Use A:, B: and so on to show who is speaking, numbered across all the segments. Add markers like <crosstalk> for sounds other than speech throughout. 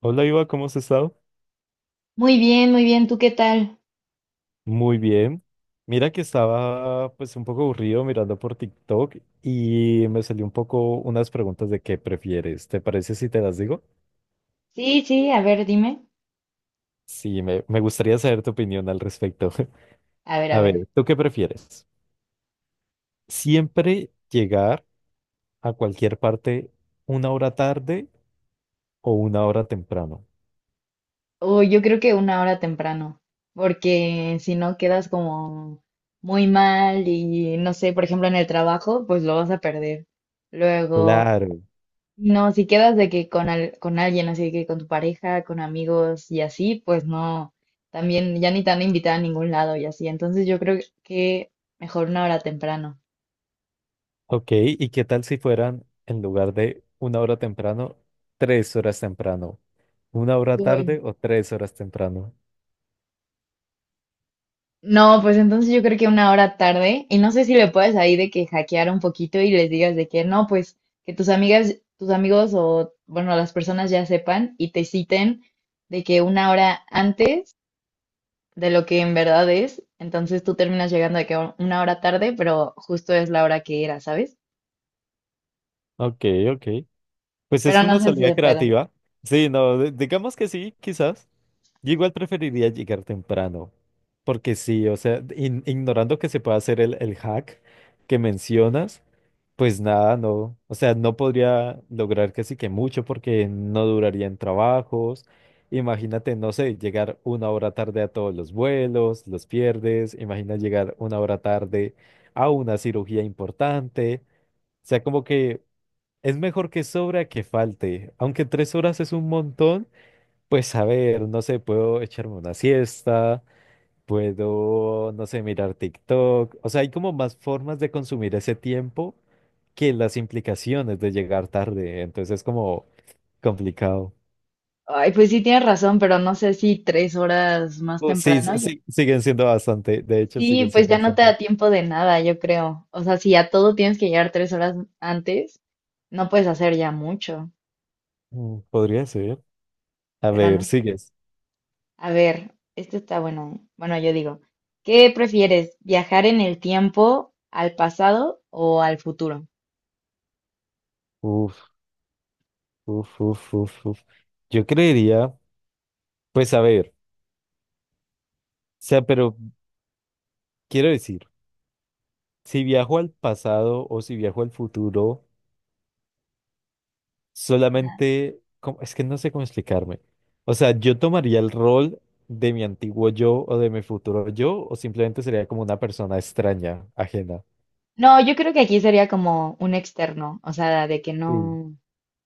A: Hola Iva, ¿cómo has estado?
B: Muy bien, muy bien. ¿Tú qué tal?
A: Muy bien. Mira que estaba pues un poco aburrido mirando por TikTok y me salió un poco unas preguntas de qué prefieres. ¿Te parece si te las digo?
B: Sí, sí, a ver, dime.
A: Sí, me gustaría saber tu opinión al respecto.
B: A
A: <laughs>
B: ver, a
A: A
B: ver.
A: ver, ¿tú qué prefieres? ¿Siempre llegar a cualquier parte una hora tarde o una hora temprano?
B: Uy, yo creo que una hora temprano, porque si no quedas como muy mal y no sé, por ejemplo, en el trabajo, pues lo vas a perder. Luego,
A: Claro.
B: no, si quedas de que con, con alguien, así que con tu pareja, con amigos y así, pues no, también ya ni te van a invitar a ningún lado y así. Entonces yo creo que mejor una hora temprano.
A: Ok, ¿y qué tal si fueran en lugar de una hora temprano, tres horas temprano? ¿Una hora
B: Uy.
A: tarde o tres horas temprano?
B: No, pues entonces yo creo que una hora tarde, y no sé si le puedes ahí de que hackear un poquito y les digas de que no, pues que tus amigas, tus amigos o bueno, las personas ya sepan y te citen de que una hora antes de lo que en verdad es, entonces tú terminas llegando de que una hora tarde, pero justo es la hora que era, ¿sabes?
A: Ok, ok. Pues es
B: Pero no
A: una
B: sé si
A: salida
B: se pueda.
A: creativa. Sí, no, digamos que sí, quizás. Yo igual preferiría llegar temprano, porque sí, o sea, ignorando que se pueda hacer el hack que mencionas, pues nada, no, o sea, no podría lograr casi que mucho porque no duraría en trabajos. Imagínate, no sé, llegar una hora tarde a todos los vuelos, los pierdes. Imagina llegar una hora tarde a una cirugía importante. O sea, como que es mejor que sobra que falte. Aunque tres horas es un montón, pues a ver, no sé, puedo echarme una siesta, puedo, no sé, mirar TikTok. O sea, hay como más formas de consumir ese tiempo que las implicaciones de llegar tarde. Entonces es como complicado.
B: Ay, pues sí tienes razón, pero no sé si tres horas más
A: Pues sí,
B: temprano.
A: sí, sí, siguen siendo bastante. De hecho,
B: Sí,
A: siguen
B: pues
A: siendo
B: ya no te
A: bastante.
B: da tiempo de nada, yo creo. O sea, si a todo tienes que llegar tres horas antes, no puedes hacer ya mucho.
A: Mm, podría ser. A
B: Pero
A: ver,
B: no sé.
A: sigues.
B: A ver, esto está bueno. Bueno, yo digo, ¿qué prefieres? ¿Viajar en el tiempo al pasado o al futuro?
A: Uf, uf, uf, uf, uf. Yo creería, pues a ver, o sea, pero quiero decir. Si viajo al pasado o si viajo al futuro, solamente, ¿cómo? Es que no sé cómo explicarme. O sea, yo tomaría el rol de mi antiguo yo o de mi futuro yo, o simplemente sería como una persona extraña, ajena.
B: No, yo creo que aquí sería como un externo, o sea, de que
A: Sí.
B: no.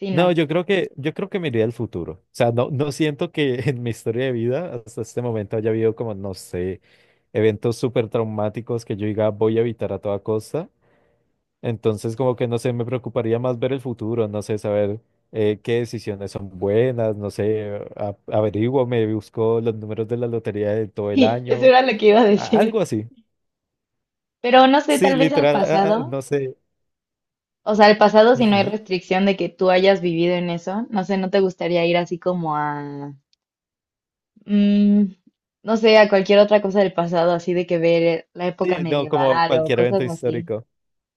B: Sí,
A: No,
B: no.
A: yo
B: <laughs>
A: creo que, yo creo que me iría al futuro. O sea, no, no siento que <laughs> en mi historia de vida hasta este momento haya habido como, no sé, eventos súper traumáticos que yo diga voy a evitar a toda costa. Entonces, como que no sé, me preocuparía más ver el futuro, no sé, saber qué decisiones son buenas, no sé, averiguo, me busco los números de la lotería de todo el
B: Sí, eso
A: año,
B: era lo que iba a
A: algo
B: decir.
A: así.
B: Pero no sé,
A: Sí,
B: tal vez al
A: literal,
B: pasado.
A: no sé.
B: O sea, el pasado, si no hay
A: Ujú.
B: restricción de que tú hayas vivido en eso, no sé, ¿no te gustaría ir así como a, mm, no sé, a cualquier otra cosa del pasado, así de que ver la
A: Sí,
B: época
A: no, como
B: medieval o
A: cualquier
B: cosas
A: evento
B: así?
A: histórico.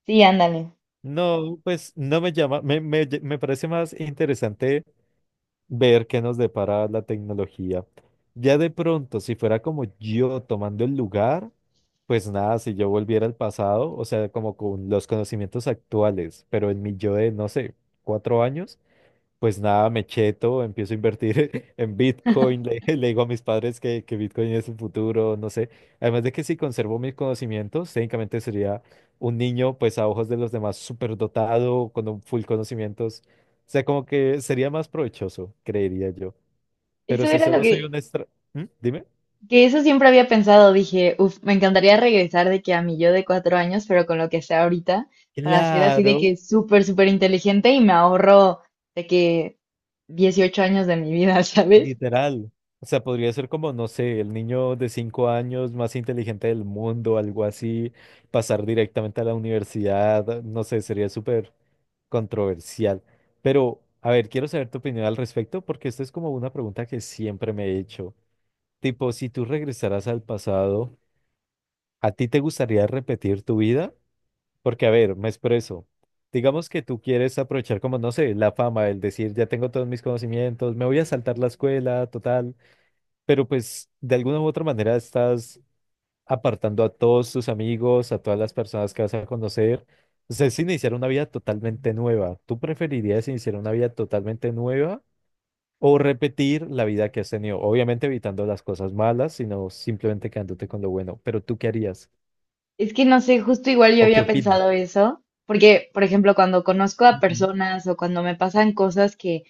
B: Sí, ándale.
A: No, pues no me llama, me parece más interesante ver qué nos depara la tecnología. Ya de pronto, si fuera como yo tomando el lugar, pues nada, si yo volviera al pasado, o sea, como con los conocimientos actuales, pero en mi yo de, no sé, 4 años, pues nada, me cheto, empiezo a invertir <laughs> en Bitcoin,
B: <laughs>
A: le, <laughs> le digo a mis padres que Bitcoin es el futuro, no sé. Además de que si conservo mis conocimientos, técnicamente sería un niño, pues a ojos de los demás, súper dotado, con un full conocimientos. O sea, como que sería más provechoso, creería yo. Pero
B: Eso
A: si
B: era lo
A: solo soy un extra... ¿Mm? Dime.
B: que eso siempre había pensado. Dije, uff, me encantaría regresar de que a mi yo de 4 años, pero con lo que sea ahorita, para ser así de que
A: Claro.
B: súper, súper inteligente y me ahorro de que 18 años de mi vida, <laughs> ¿sabes?
A: Literal. O sea, podría ser como, no sé, el niño de 5 años más inteligente del mundo, algo así, pasar directamente a la universidad, no sé, sería súper controversial. Pero, a ver, quiero saber tu opinión al respecto porque esta es como una pregunta que siempre me he hecho. Tipo, si tú regresaras al pasado, ¿a ti te gustaría repetir tu vida? Porque, a ver, me expreso. Digamos que tú quieres aprovechar como, no sé, la fama, el decir, ya tengo todos mis conocimientos, me voy a saltar la escuela, total. Pero pues de alguna u otra manera estás apartando a todos tus amigos, a todas las personas que vas a conocer. O sea, es iniciar una vida totalmente nueva. ¿Tú preferirías iniciar una vida totalmente nueva o repetir la vida que has tenido? Obviamente evitando las cosas malas, sino simplemente quedándote con lo bueno. Pero ¿tú qué harías?
B: Es que no sé, justo igual yo
A: ¿O qué
B: había
A: opinas?
B: pensado eso, porque, por ejemplo, cuando conozco a
A: Ujú.
B: personas o cuando me pasan cosas que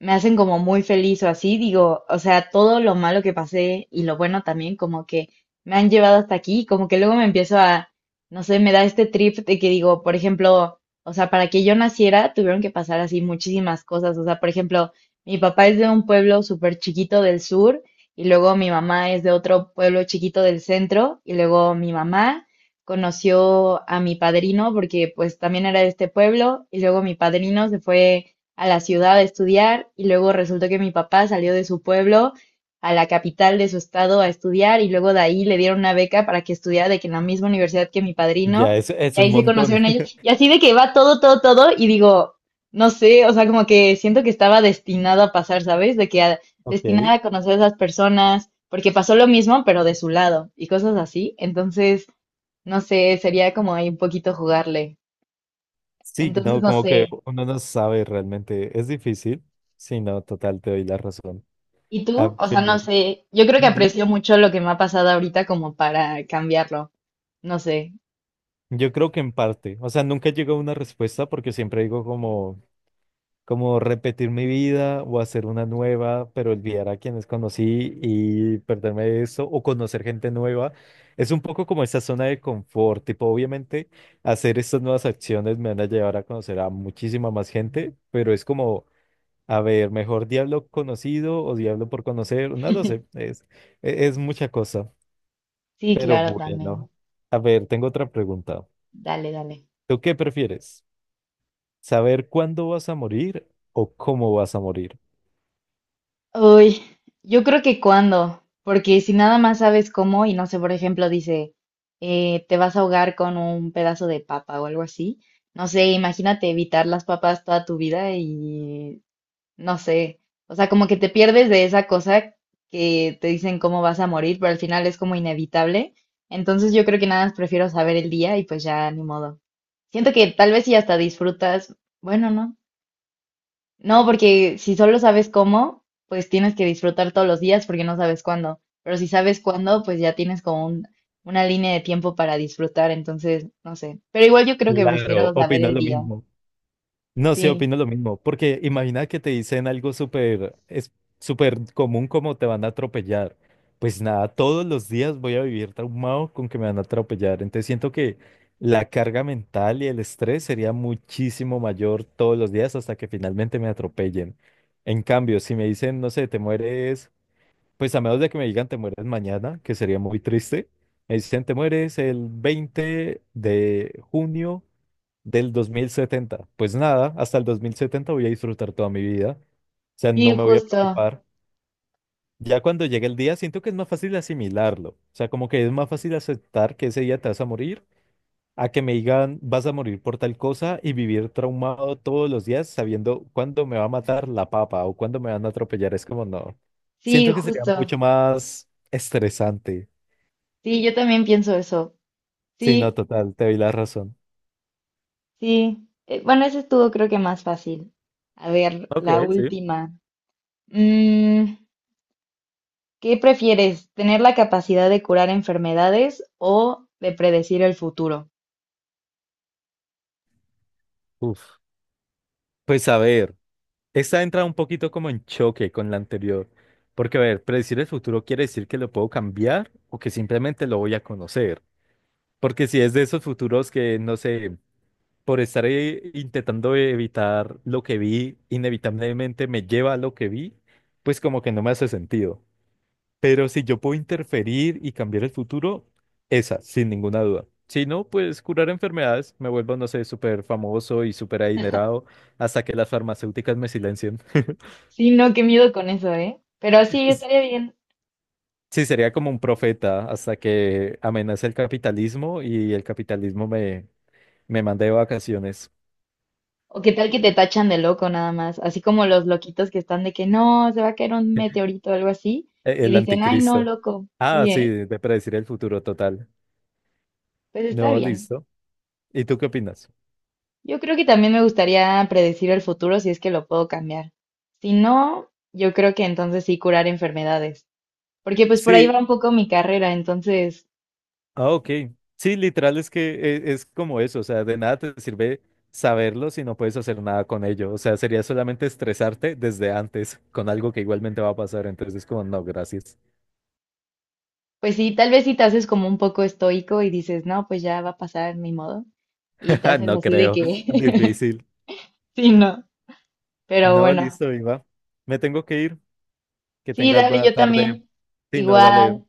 B: me hacen como muy feliz o así, digo, o sea, todo lo malo que pasé y lo bueno también, como que me han llevado hasta aquí, como que luego me empiezo a, no sé, me da este trip de que digo, por ejemplo, o sea, para que yo naciera tuvieron que pasar así muchísimas cosas, o sea, por ejemplo, mi papá es de un pueblo súper chiquito del sur y luego mi mamá es de otro pueblo chiquito del centro y luego mi mamá conoció a mi padrino porque pues también era de este pueblo y luego mi padrino se fue a la ciudad a estudiar y luego resultó que mi papá salió de su pueblo a la capital de su estado a estudiar y luego de ahí le dieron una beca para que estudiara de que en la misma universidad que mi
A: Ya,
B: padrino
A: es
B: y
A: un
B: ahí se
A: montón.
B: conocieron
A: <laughs>
B: ellos y así de que va todo, todo, todo y digo, no sé, o sea, como que siento que estaba destinado a pasar, ¿sabes? De que destinada
A: Ok.
B: a conocer a esas personas porque pasó lo mismo pero de su lado y cosas así, entonces, no sé, sería como ahí un poquito jugarle,
A: Sí,
B: entonces,
A: no,
B: no
A: como que
B: sé.
A: uno no sabe realmente. Es difícil. Sí, no, total, te doy la razón.
B: ¿Y
A: A
B: tú? O sea, no
A: ver.
B: sé, yo creo que
A: Dime.
B: aprecio mucho lo que me ha pasado ahorita como para cambiarlo. No sé.
A: Yo creo que en parte, o sea, nunca llego a una respuesta porque siempre digo como, repetir mi vida o hacer una nueva, pero olvidar a quienes conocí y perderme de eso o conocer gente nueva. Es un poco como esa zona de confort, tipo, obviamente hacer estas nuevas acciones me van a llevar a conocer a muchísima más gente, pero es como, a ver, mejor diablo conocido o diablo por conocer, no lo sé, es mucha cosa,
B: Sí,
A: pero
B: claro, también.
A: bueno, a ver, tengo otra pregunta.
B: Dale, dale.
A: ¿Tú qué prefieres? ¿Saber cuándo vas a morir o cómo vas a morir?
B: Uy, yo creo que cuando, porque si nada más sabes cómo y no sé, por ejemplo, dice, te vas a ahogar con un pedazo de papa o algo así. No sé, imagínate evitar las papas toda tu vida y no sé, o sea, como que te pierdes de esa cosa que te dicen cómo vas a morir, pero al final es como inevitable. Entonces yo creo que nada más prefiero saber el día y pues ya ni modo. Siento que tal vez si hasta disfrutas, bueno, no. No, porque si solo sabes cómo, pues tienes que disfrutar todos los días porque no sabes cuándo. Pero si sabes cuándo, pues ya tienes como una línea de tiempo para disfrutar, entonces, no sé. Pero igual yo creo que
A: Claro,
B: prefiero saber
A: opino
B: el
A: lo
B: día.
A: mismo. No, sí,
B: Sí,
A: opino lo mismo, porque imagina que te dicen algo súper, es súper común como te van a atropellar. Pues nada, todos los días voy a vivir traumado con que me van a atropellar. Entonces siento que la carga mental y el estrés sería muchísimo mayor todos los días hasta que finalmente me atropellen. En cambio, si me dicen, no sé, te mueres. Pues a menos de que me digan te mueres mañana, que sería muy triste. Me dicen te mueres el 20 de junio del 2070. Pues nada, hasta el 2070 voy a disfrutar toda mi vida. O sea, no
B: sí,
A: me voy a
B: justo.
A: preocupar. Ya cuando llegue el día, siento que es más fácil asimilarlo. O sea, como que es más fácil aceptar que ese día te vas a morir a que me digan vas a morir por tal cosa y vivir traumado todos los días sabiendo cuándo me va a matar la papa o cuándo me van a atropellar. Es como no.
B: Sí,
A: Siento que sería mucho
B: justo.
A: más estresante.
B: Sí, yo también pienso eso.
A: Sí, no,
B: Sí,
A: total, te doy la razón.
B: sí. Bueno, eso estuvo creo que más fácil. A ver,
A: Ok,
B: la
A: sí.
B: última. Mm, ¿qué prefieres? ¿Tener la capacidad de curar enfermedades o de predecir el futuro?
A: Uf. Pues a ver, esta entra un poquito como en choque con la anterior. Porque, a ver, predecir el futuro quiere decir que lo puedo cambiar o que simplemente lo voy a conocer. Porque si es de esos futuros que, no sé, por estar intentando evitar lo que vi, inevitablemente me lleva a lo que vi, pues como que no me hace sentido. Pero si yo puedo interferir y cambiar el futuro, esa, sin ninguna duda. Si no, pues curar enfermedades, me vuelvo, no sé, súper famoso y súper adinerado hasta que las farmacéuticas me silencien. <laughs>
B: Sí, no, qué miedo con eso, ¿eh? Pero sí,
A: S-
B: estaría bien.
A: Sí, sería como un profeta hasta que amenace el capitalismo y el capitalismo me mande de vacaciones.
B: O qué tal que te tachan de loco nada más, así como los loquitos que están de que no, se va a caer un meteorito o algo así, y
A: El
B: dicen, ay, no,
A: anticristo.
B: loco.
A: Ah,
B: Sí,
A: sí,
B: ¿eh?
A: de predecir el futuro total.
B: Pues está
A: No,
B: bien.
A: listo. ¿Y tú qué opinas?
B: Yo creo que también me gustaría predecir el futuro si es que lo puedo cambiar. Si no, yo creo que entonces sí curar enfermedades, porque pues por ahí va
A: Sí,
B: un poco mi carrera, entonces,
A: ah, ok. Sí, literal es que es, como eso, o sea, de nada te sirve saberlo si no puedes hacer nada con ello. O sea, sería solamente estresarte desde antes con algo que igualmente va a pasar. Entonces es como, no, gracias.
B: pues sí, tal vez si te haces como un poco estoico y dices, no, pues ya va a pasar, mi modo, y te
A: <laughs>
B: haces
A: No
B: así de
A: creo.
B: que,
A: Difícil.
B: <laughs> sí, no, pero
A: No,
B: bueno,
A: listo, Iba. Me tengo que ir. Que
B: sí,
A: tengas
B: dale,
A: buena
B: yo
A: tarde.
B: también,
A: Sí, no, dale.
B: igual.